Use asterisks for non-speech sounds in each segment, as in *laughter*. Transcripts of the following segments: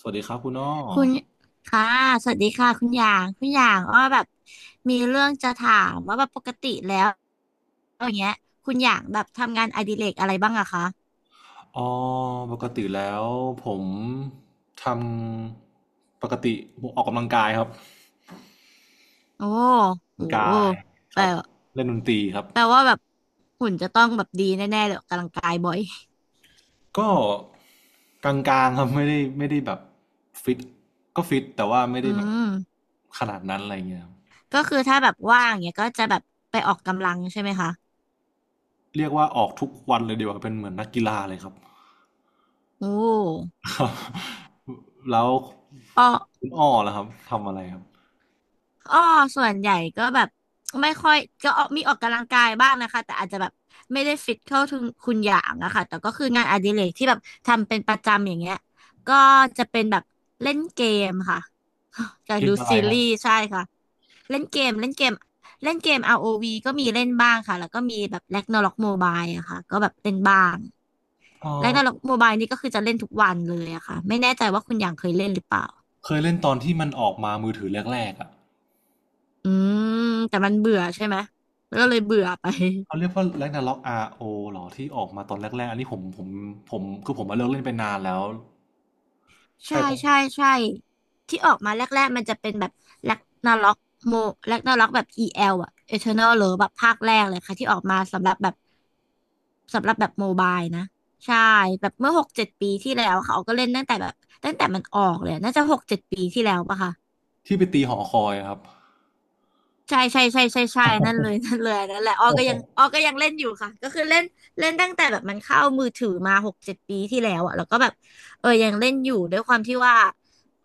สวัสดีครับคุณอ้อคุณค่ะสวัสดีค่ะคุณหยาง คุณหยางอ้อแบบมีเรื่องจะถามว่าแบบปกติแล้วอย่างเงี้ยคุณหยางแบบทำงานอดิเรกอะไรบ้างอะคะอ๋อปกติแล้วผมทปกติผมออกกำลังกายครับโอ้ออกกำโลังหกายคแปลรับเล่นดนตรีครับแปลว่าแบบหุ่นจะต้องแบบดีแน่ๆเลยออกกำลังกายบ่อย ก็กลางๆครับไม่ได้แบบฟิตก็ฟิตแต่ว่าไม่ *laughs* อืได้แบบมขนาดนั้นอะไรเงี้ยครับก็คือถ้าแบบว่างเงี้ยก็จะแบบไปออกกำลังใช่ไหมคะเรียกว่าออกทุกวันเลยดีกว่าเป็นเหมือนนักกีฬาเลยครับ โอ้ *laughs* ครับแล้วอ้อ คุณอ้อล่ะครับทำอะไรครับอ้อส่วนใหญ่ก็แบบไม่ค่อยก็ออกมีออกกำลังกายบ้างนะคะแต่อาจจะแบบไม่ได้ฟิตเข้าถึงคุณอย่างอะค่ะแต่ก็คืองานอดิเรกที่แบบทำเป็นประจำอย่างเงี้ยก็จะเป็นแบบเล่นเกมค่ะ *laughs* จะเกดูมอะไรซีครัรีบส์ใช่ค่ะเล่นเกมเล่นเกมเล่นเกม ROV ก็มีเล่นบ้างค่ะแล้วก็มีแบบ Ragnarok Mobile อะค่ะก็แบบเล่นบ้าง เออ Ragnarok Mobile นี่ก็คือจะเล่นทุกวันเลยอะค่ะไม่แน่ใจว่าคุณอย่างเคยเล่นหรือเปล่าเคยเล่นตอนที่มันออกมามือถือแรกๆอ่ะ อืมแต่มันเบื่อใช่ไหมก็เลยเบื่อไป เขาเรียกว่าแร็กนาร็อก r อเหรอที่ออกมาตอนแรกๆอันนี้ผมผมคือผมมาเลิกเล่นไปนานแล้วใช่ใช่ครับใช่ใช่ที่ออกมาแรกๆมันจะเป็นแบบแร็กนาร็อกโมแร็กนาร็อกแบบ EL อลอะ Eternal หรือแบบภาคแรกเลยค่ะที่ออกมาสำหรับแบบสำหรับแบบโมบายนะใช่แบบเมื่อหกเจ็ดปีที่แล้วค่ะเขาก็เล่นตั้งแต่แบบตั้งแต่มันออกเลยน่าจะหกเจ็ดปีที่แล้วปะคะ ที่ไปตีหอคอยอะครับ ใช่ใช่ใช่ใช่ใช่นั่นเลย *laughs* นั่นเลยนั่นแหละอ้อก็ยังอ้อ *laughs* ก็ยังเล่นอยู่ค่ะก็คือเล่นเล่นตั้งแต่แบบมันเข้ามือถือมาหกเจ็ดปีที่แล้วอะแล้วก็แบบเออยังเล่นอยู่ด้วยความที่ว่า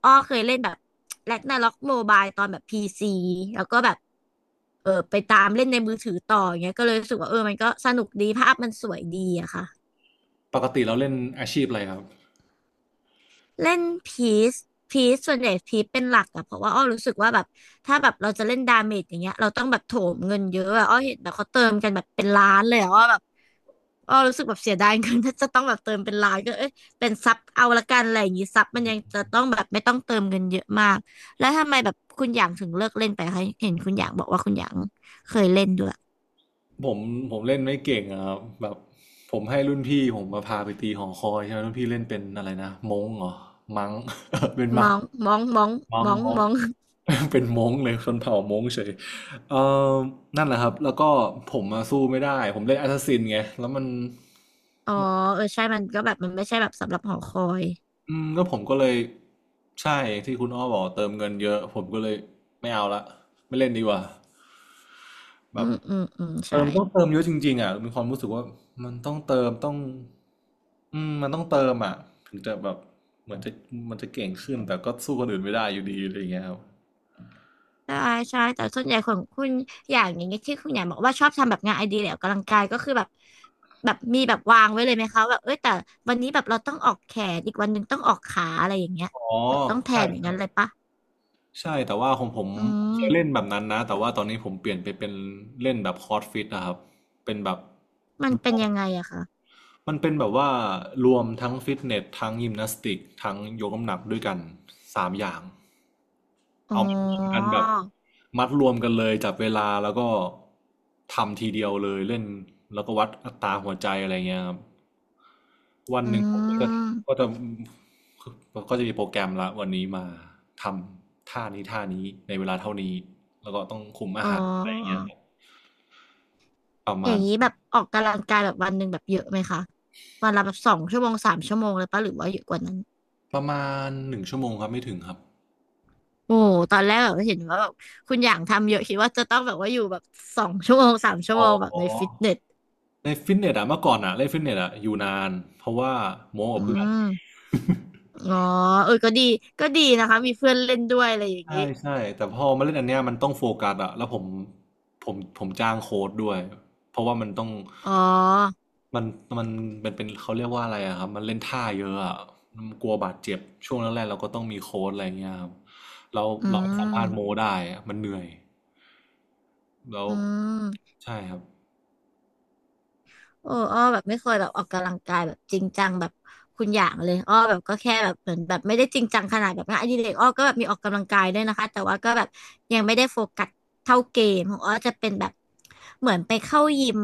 อ้อเคยเล่นแบบแร็กนาร็อกโมบายตอนแบบพีซีแล้วก็แบบเออไปตามเล่นในมือถือต่ออย่างเงี้ยก็เลยรู้สึกว่าเออมันก็สนุกดีภาพมันสวยดีอะค่ะ ปกติเราเล่นอาชีพอะไรครับเล่นพีซพีซส่วนใหญ่พีซเป็นหลักอะเพราะว่าอ้อรู้สึกว่าแบบถ้าแบบเราจะเล่นดาเมจอย่างเงี้ยเราต้องแบบโถมเงินเยอะอะอ้อเห็นแบบเขาเติมกันแบบเป็นล้านเลยอะอ้อแบบอ้อรู้สึกแบบเสียดายเงิน *laughs* ถ้าจะต้องแบบเติมเป็นล้านก็เอ้ยเป็นซับเอาละกันอะไรอย่างงี้ซับมันยังจะต้องแบบไม่ต้องเติมเงินเยอะมากแล้วทำไมแบบคุณหยางถึงเลิกเล่นไปคะเห็นคุณหยางบอกว่าคุณหยางเคยเล่นด้วยผมผมเล่นไม่เก่งอะครับแบบผมให้รุ่นพี่ผมมาพาไปตีหอคอยใช่ไหมรุ่นพี่เล่นเป็นอะไรนะม้งเหรอมังมองมองมองมัมงองม้ง มอง *laughs* เป็นม้งเลยคนเผ่าม้งเฉยเออนั่นแหละครับแล้วก็ผมมาสู้ไม่ได้ผมเล่นแอสซัสซินไงแล้วมัน อ๋อเออใช่มันก็แบบมันไม่ใช่แบบสำหรับหอคอยอืมก็ผมก็เลยใช่ที่คุณอ้อบอกเติมเงินเยอะผมก็เลยไม่เอาละไม่เล่นดีกว่าแบอืบมอืมอืมเติใช่ มต้องเติมเยอะจริงๆอ่ะมีความรู้สึกว่ามันต้องเติมต้องอืมมันต้องเติมอ่ะถึงจะแบบเหมือนจะมันจะเก่งขึ้นแต่ก็สู้คนอื่นไม่ได้อยู่ดีอะไรอย่างเงี้ยครับใช่ใช่แต่ส่วนใหญ่ของคุณอย่างอย่างเงี้ยที่คุณอย่างบอกว่าชอบทำแบบงานไอเดียหรือออกกำลังกายก็คือแบบแบบมีแบบวางไว้เลยไหมคะแบบเอ้ยแต่วันนี้แบบเราต้องออกแขนอีกวันหนึ่งต้องออกขาอะไรอย่างเงี้ยอ๋อแบบต้องแทใช่นอย่างใช่นั้นเลยปะใช่แต่ว่าของผมอืเคยเล่นมแบบนั้นนะแต่ว่าตอนนี้ผมเปลี่ยนไปเป็นเล่นแบบคอร์สฟิตนะครับเป็นแบบ มันเป็นยังไงอะคะมันเป็นแบบว่ารวมทั้งฟิตเนสทั้งยิมนาสติกทั้งยกน้ำหนักด้วยกันสามอย่างอ๋อเอามารวมกันแบบมัดรวมกันเลยจับเวลาแล้วก็ทำทีเดียวเลยเล่นแล้วก็วัดอัตราหัวใจอะไรเงี้ยครับวันหอืนึ่งผมก็จะก็มจะก็จะมีโปรแกรมละวันนี้มาทท่านี้ท่านี้ในเวลาเท่านี้แล้วก็ต้องคุมอาอ๋อหารอะไรเงี้ยครับประอมาย่าณงนี้แบบออกกำลังกายแบบวันหนึ่งแบบเยอะไหมคะวันละแบบสองชั่วโมงสามชั่วโมงเลยปะหรือว่าเยอะกว่านั้น ประมาณหนึ่งชั่วโมงครับไม่ถึงครับโอ้ตอนแรกแบบเห็นว่าแบบคุณอย่างทำเยอะคิดว่าจะต้องแบบว่าอยู่แบบสองชั่วโมงสามชั่วอ๋อ โมงแบบในฟิตเนส ในฟิตเนสอะเมื่อก่อนอะเล่นฟิตเนสอะอยู่นานเพราะว่าโม้กับอืเพื่อน ม *laughs* อ๋อ เออ ก็ดี ก็ดีนะคะ มีเพื่อนเล่นด้วยอะไรอย่างนี้ ใช่ใช่แต่พอมาเล่นอันเนี้ยมันต้องโฟกัสอะแล้วผมผมจ้างโค้ดด้วยเพราะว่ามันต้องอ๋อ มันมันมันเป็นเขาเรียกว่าอะไรอะครับมันเล่นท่าเยอะอะมันกลัวบาดเจ็บช่วงแรกๆเราก็ต้องมีโค้ดอะไรเงี้ยครับเราอืเราไม่สามารถโม้ม ได้อะมันเหนื่อยแล้วอืม ใช่ครับโอ้อ้อแบบไม่เคยแบบออกกำลังกายแบบจริงจังแบบคุณอย่างเลยอ้อแบบก็แค่แบบเหมือนแบบไม่ได้จริงจังขนาดแบบงานอดิเรกอ้อก็แบบมีออกกำลังกายด้วยนะคะ แต่ว่าก็แบบยังไม่ได้โฟกัสเท่าเกมของอ้อจะเป็นแบบเหมือนไปเข้ายิม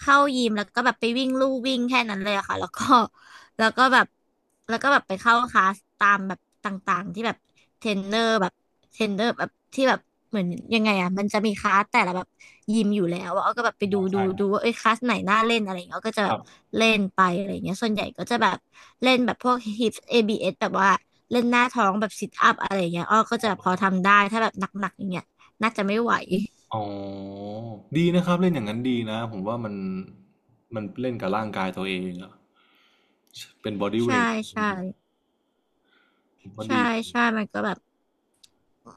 เข้ายิมแล้วก็แบบไปวิ่งลู่วิ่งแค่นั้นเลยอะค่ะแล้วก็ แล้วก็แบบแล้วก็แบบไปเข้าคลาสตามแบบต่างๆที่แบบเทรนเนอร์แบบเทรนเนอร์แบบที่แบบเหมือนยังไงอ่ะมันจะมีคลาสแต่ละแบบยิมอยู่แล้วอะอ้อก็แบบไปอ๋ดูอดูใช่คดูรับว่าเอ้ยคลาสไหนน่าเล่นอะไรอย่างเงี้ยอ้อก็จะคแบรับบเล่นไปอะไรอย่างเงี้ยส่วนใหญ่ก็จะแบบเล่นแบบพวก hips ABS แบบว่าเล่นหน้าท้องแบบ sit up อะไรอย่างเงี้ยอ้อก็จะพอทำได้ถ้าแบบหนักๆอย่างเงี้ยน่าจะไม่ไหวอ๋อดีนะครับเล่นอย่างนั้นดีนะผมว่ามันมันเล่นกับร่างกายตัวเองอะ เป็นบอดี้เวใช่ทใช่ก็ใช่ดีใช่มันก็แบบ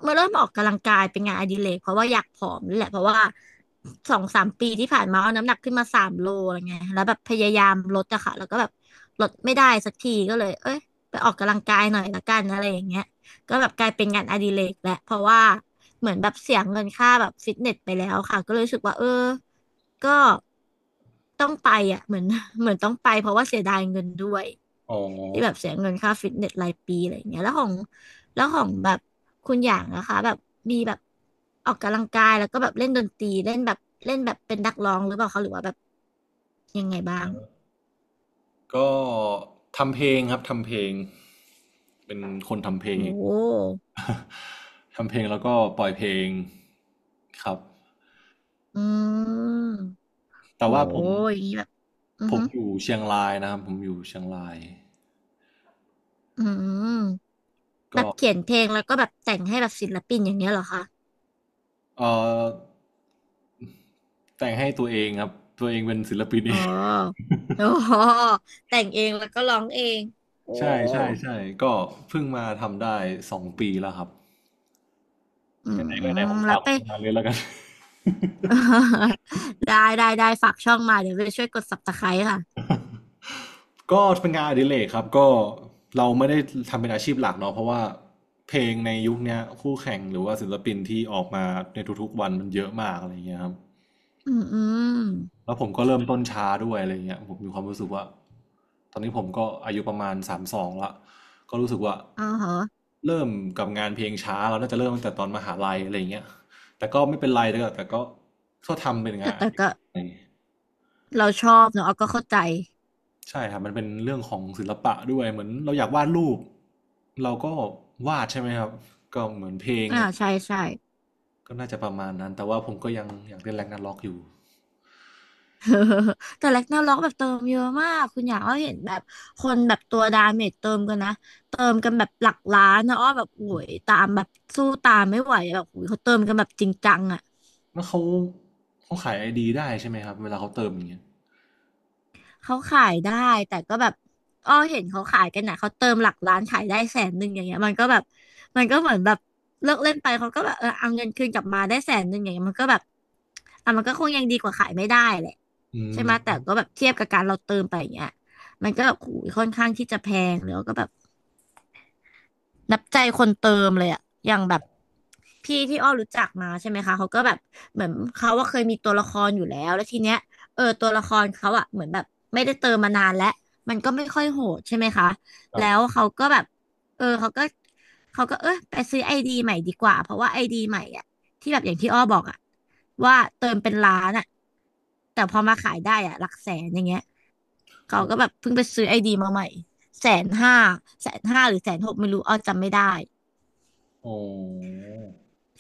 เมาเริ่มออกกำลังกายเป็นงานอดิเรกเพราะว่าอยากผอมนี่แหละเพราะว่าสองสามปีที่ผ่านมาเอาน้ำหนักขึ้นมาสามโลอะไรเงี้ยแล้วแบบพยายามลดอะค่ะแล้วก็แบบลดไม่ได้สักทีก็เลยเอ้ยไปออกกำลังกายหน่อยละกันอะไรอย่างเงี้ยก็แบบกลายเป็นงานอดิเรกแหละเพราะว่าเหมือนแบบเสียเงินค่าแบบฟิตเนสไปแล้วค่ะก็เลยรู้สึกว่าเออก็ต้องไปอะเหมือนต้องไปเพราะว่าเสียดายเงินด้วย อ๋อที่แบบเสียเงินค่าฟิตเนสรายปีอะไรอย่างเงี้ยแล้วของแบบคุณอย่างนะคะแบบมีแบบออกกำลังกายแล้วก็แบบเล่นดนตรีเล่นแบบเป็นนักร้องหรือเปล่าคะหรือว่าแบบยังไงบ้างก็ทำเพลงครับทำเพลงเป็นคนทำเพลโอ้ง โห *laughs* ทำเพลงแล้วก็ปล่อยเพลงครับอืมแต่โหว่าผมอย่างนี้แบบอือผฮึมอยู่เชียงรายนะครับผมอยู่เชียงรายอืมแบก็บเขียนเพลงแล้วก็แบบแต่งให้แบบศิลปินอย่างเงี้ยเหรอคะเอ่อแต่งให้ตัวเองครับตัวเองเป็นศิลปินเออ๋อง โอ้โหแต่งเองแล้วก็ร้องเองโอ้ *laughs* ใช่ใช่ใช่ก็เพิ่งมาทำได้สองปีแล้วครับอืมไหนๆก็ไหนผมแล้ฝาวกผไป ลงานเลยแล้วกัน *laughs* ได้ได้ได้ฝากช่องมาเดี๋ยวไปช่วยกดซับสไคร b ์ค่ะก็เป็นงานอดิเรกครับก็เราไม่ได้ทำเป็นอาชีพหลักเนาะเพราะว่าเพลงในยุคเนี้ยคู่แข่งหรือว่าศิลปินที่ออกมาในทุกๆวันมันเยอะมากอะไรเงี้ยครับอืมอืมแล้วผมก็เริ่มต้นช้าด้วยอะไรเงี้ยผมมีความรู้สึกว่าตอนนี้ผมก็อายุประมาณสามสองละก็รู้สึกว่าอ๋อเหรอเริ่มกับงานเพลงช้าเราน่าจะเริ่มตั้งแต่ตอนมหาลัยอะไรเงี้ยแต่ก็ไม่เป็นไรแต่ก็ก็ทำเป็นงาแต่นอแต่ดิก็เรก เราชอบเนอะเอาก็เข้าใจใช่ครับมันเป็นเรื่องของศิลปะด้วยเหมือนเราอยากวาดรูปเราก็วาดใช่ไหมครับก็เหมือนเพลงอ่าใช่ใช่ ก็น่าจะประมาณนั้นแต่ว่าผมก็ยังอยากเล่นแร็กนาร็อกอยู่ *laughs* แต่แรกนาล็อกแบบเติมเยอะมากคุณอยากอ้อเห็นแบบคนแบบตัวดาเมจเติมกันนะ เติมกันแบบหลักล้านนะอ้อแบบโอ้ยตามแบบสู้ตามไม่ไหวแบบโอ้ยเขาเติมกันแบบจริงจังอะ แล้วเขาขายไอดีได้ใช่ไหมครับเวลาเขาเติมอย่างเงี้ยเขาขายได้แต่ก็แบบอ้อเห็นเขาขายกันนะเขาเติมหลักล้านขายได้แสนหนึ่งอย่างเงี้ยมันก็แบบมันก็เหมือนแบบเลิกเล่นไปเขาก็แบบเออเอาเงินคืนกลับมาได้แสนหนึ่งอย่างเงี้ยมันก็แบบอ่ะมันก็คงยังดีกว่าขายไม่ได้แหละอืใช่มไหมแต่ก็แบบเทียบกับการเราเติมไปอย่างเงี้ยมันก็แบบโอ้ยค่อนข้างที่จะแพงแล้วก็แบบนับใจคนเติมเลยอะอย่างแบบ พี่ที่อ้อรู้จักมาใช่ไหมคะเขาก็แบบเหมือนเขาว่าเคยมีตัวละครอยู่แล้วแล้วทีเนี้ยเออตัวละครเขาอะเหมือนแบบไม่ได้เติมมานานแล้วมันก็ไม่ค่อยโหดใช่ไหมคะครัแล้บวเขาก็แบบเออเขาก็เออไปซื้อไอดีใหม่ดีกว่าเพราะว่าไอดีใหม่อะที่แบบอย่างที่อ้อบอกอะว่าเติมเป็นล้านอะแต่พอมาขายได้อะหลักแสนอย่างเงี้ยเขาโอ้ก็แบบเพิ่งไปซื้อไอดีมาใหม่แสนห้าหรือแสนหกไม่รู้อ้อจำไม่ได้ โอ้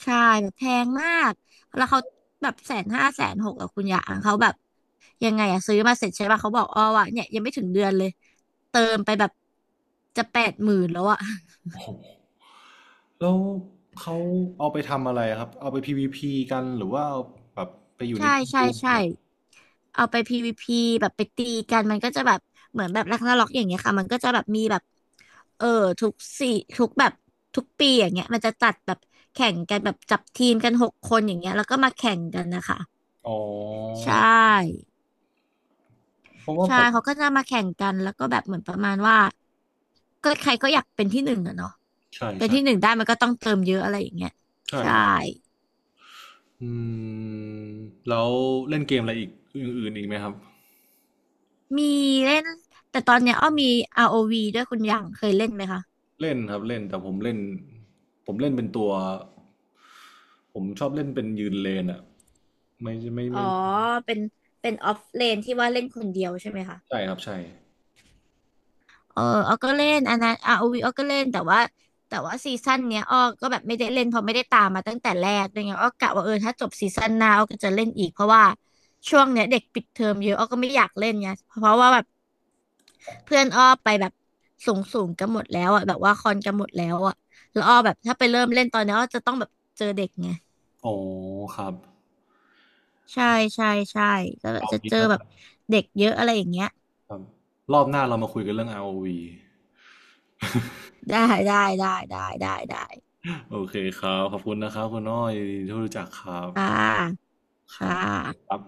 ใช่แบบแพงมากแล้วเขาแบบแสนห้าแสนหกอะคุณยางเขาแบบยังไงอะซื้อมาเสร็จใช่ป่ะเขาบอกอ๋อวะเนี่ยยังไม่ถึงเดือนเลยเติมไปแบบจะแปดหมื่นแล้วอะ โหแล้วเขาเอาไปทำอะไรครับเอาไป PVP กันหรือว่าเอาแบบไปอ *laughs* ยู่ในใช่กิใช่ลด์เหใช่รอเอาไป PVP แบบไปตีกันมันก็จะแบบเหมือนแบบรักนาร็อกอย่างเงี้ยค่ะมันก็จะแบบมีแบบเออทุกสี่ทุกแบบทุกปีอย่างเงี้ยมันจะจัดแบบแข่งกันแบบจับทีมกันหกคนอย่างเงี้ยแล้วก็มาแข่งกันนะคะอ๋ใชอ่ เพราะว่าผใช่ มเขาก็จะมาแข่งกัน แล้วก็แบบเหมือนประมาณว่าก็ใครก็อยากเป็นที่หนึ่งอะเนาะใช่เป็นใช่ที่หนึ่งได้มันก็ต้องเติมเยอะอะไรอย่างเงี้ยใช่ใช่ ครับ อืมแล้วเล่นเกมอะไรอีกอื่นๆอีกไหมครับมีเล่น แต่ตอนเนี้ยอ้อมี ROV ด้วยคุณหยางเคยเล่นไหมคะ เล่นครับเล่นแต่ผมเล่นเป็นตัวผมชอบเล่นเป็นยืนเลนอ่ะไม่ไม่อ๋อ ไม่เป็นออฟเลนที่ว่าเล่นคนเดียวใช่ไหมคะ ใช่ครับใช่เอออ้อก็เล่นอันนั้น ROVอ้อก็เล่นแต่ว่าซีซั่นเนี้ยอ้อก็แบบไม่ได้เล่นเพราะไม่ได้ตามมาตั้งแต่แรกด้วยไงอ้อกะว่าเออถ้าจบซีซั่นหน้าอ้อก็จะเล่นอีกเพราะว่าช่วงเนี้ยเด็กปิดเทอมเยอะอ้อก็ไม่อยากเล่นไงเพราะว่าแบบเพื่อนอ้อไปแบบสูงสูงกันหมดแล้วอ่ะแบบว่าคอนกันหมดแล้วอ่ะแล้วอ้อแบบถ้าไปเริ่มเล่นตอนเนี้ยอ้อจะต้องแบบเจอเด็กไงโอ้ครับใช่ใช่ใช่ก็แบบเอาจะงี้เจอแล้วแบกับนเด็กเยอะอะไรอย่างเงี้ยครับรอบหน้าเรามาคุยกันเรื่อง r วีได้ได้ได้ได้ได้ได้โอเคครับขอบคุณนะครับคุณน้อยที่รู้จักครับค่ะครัค่ะบครับ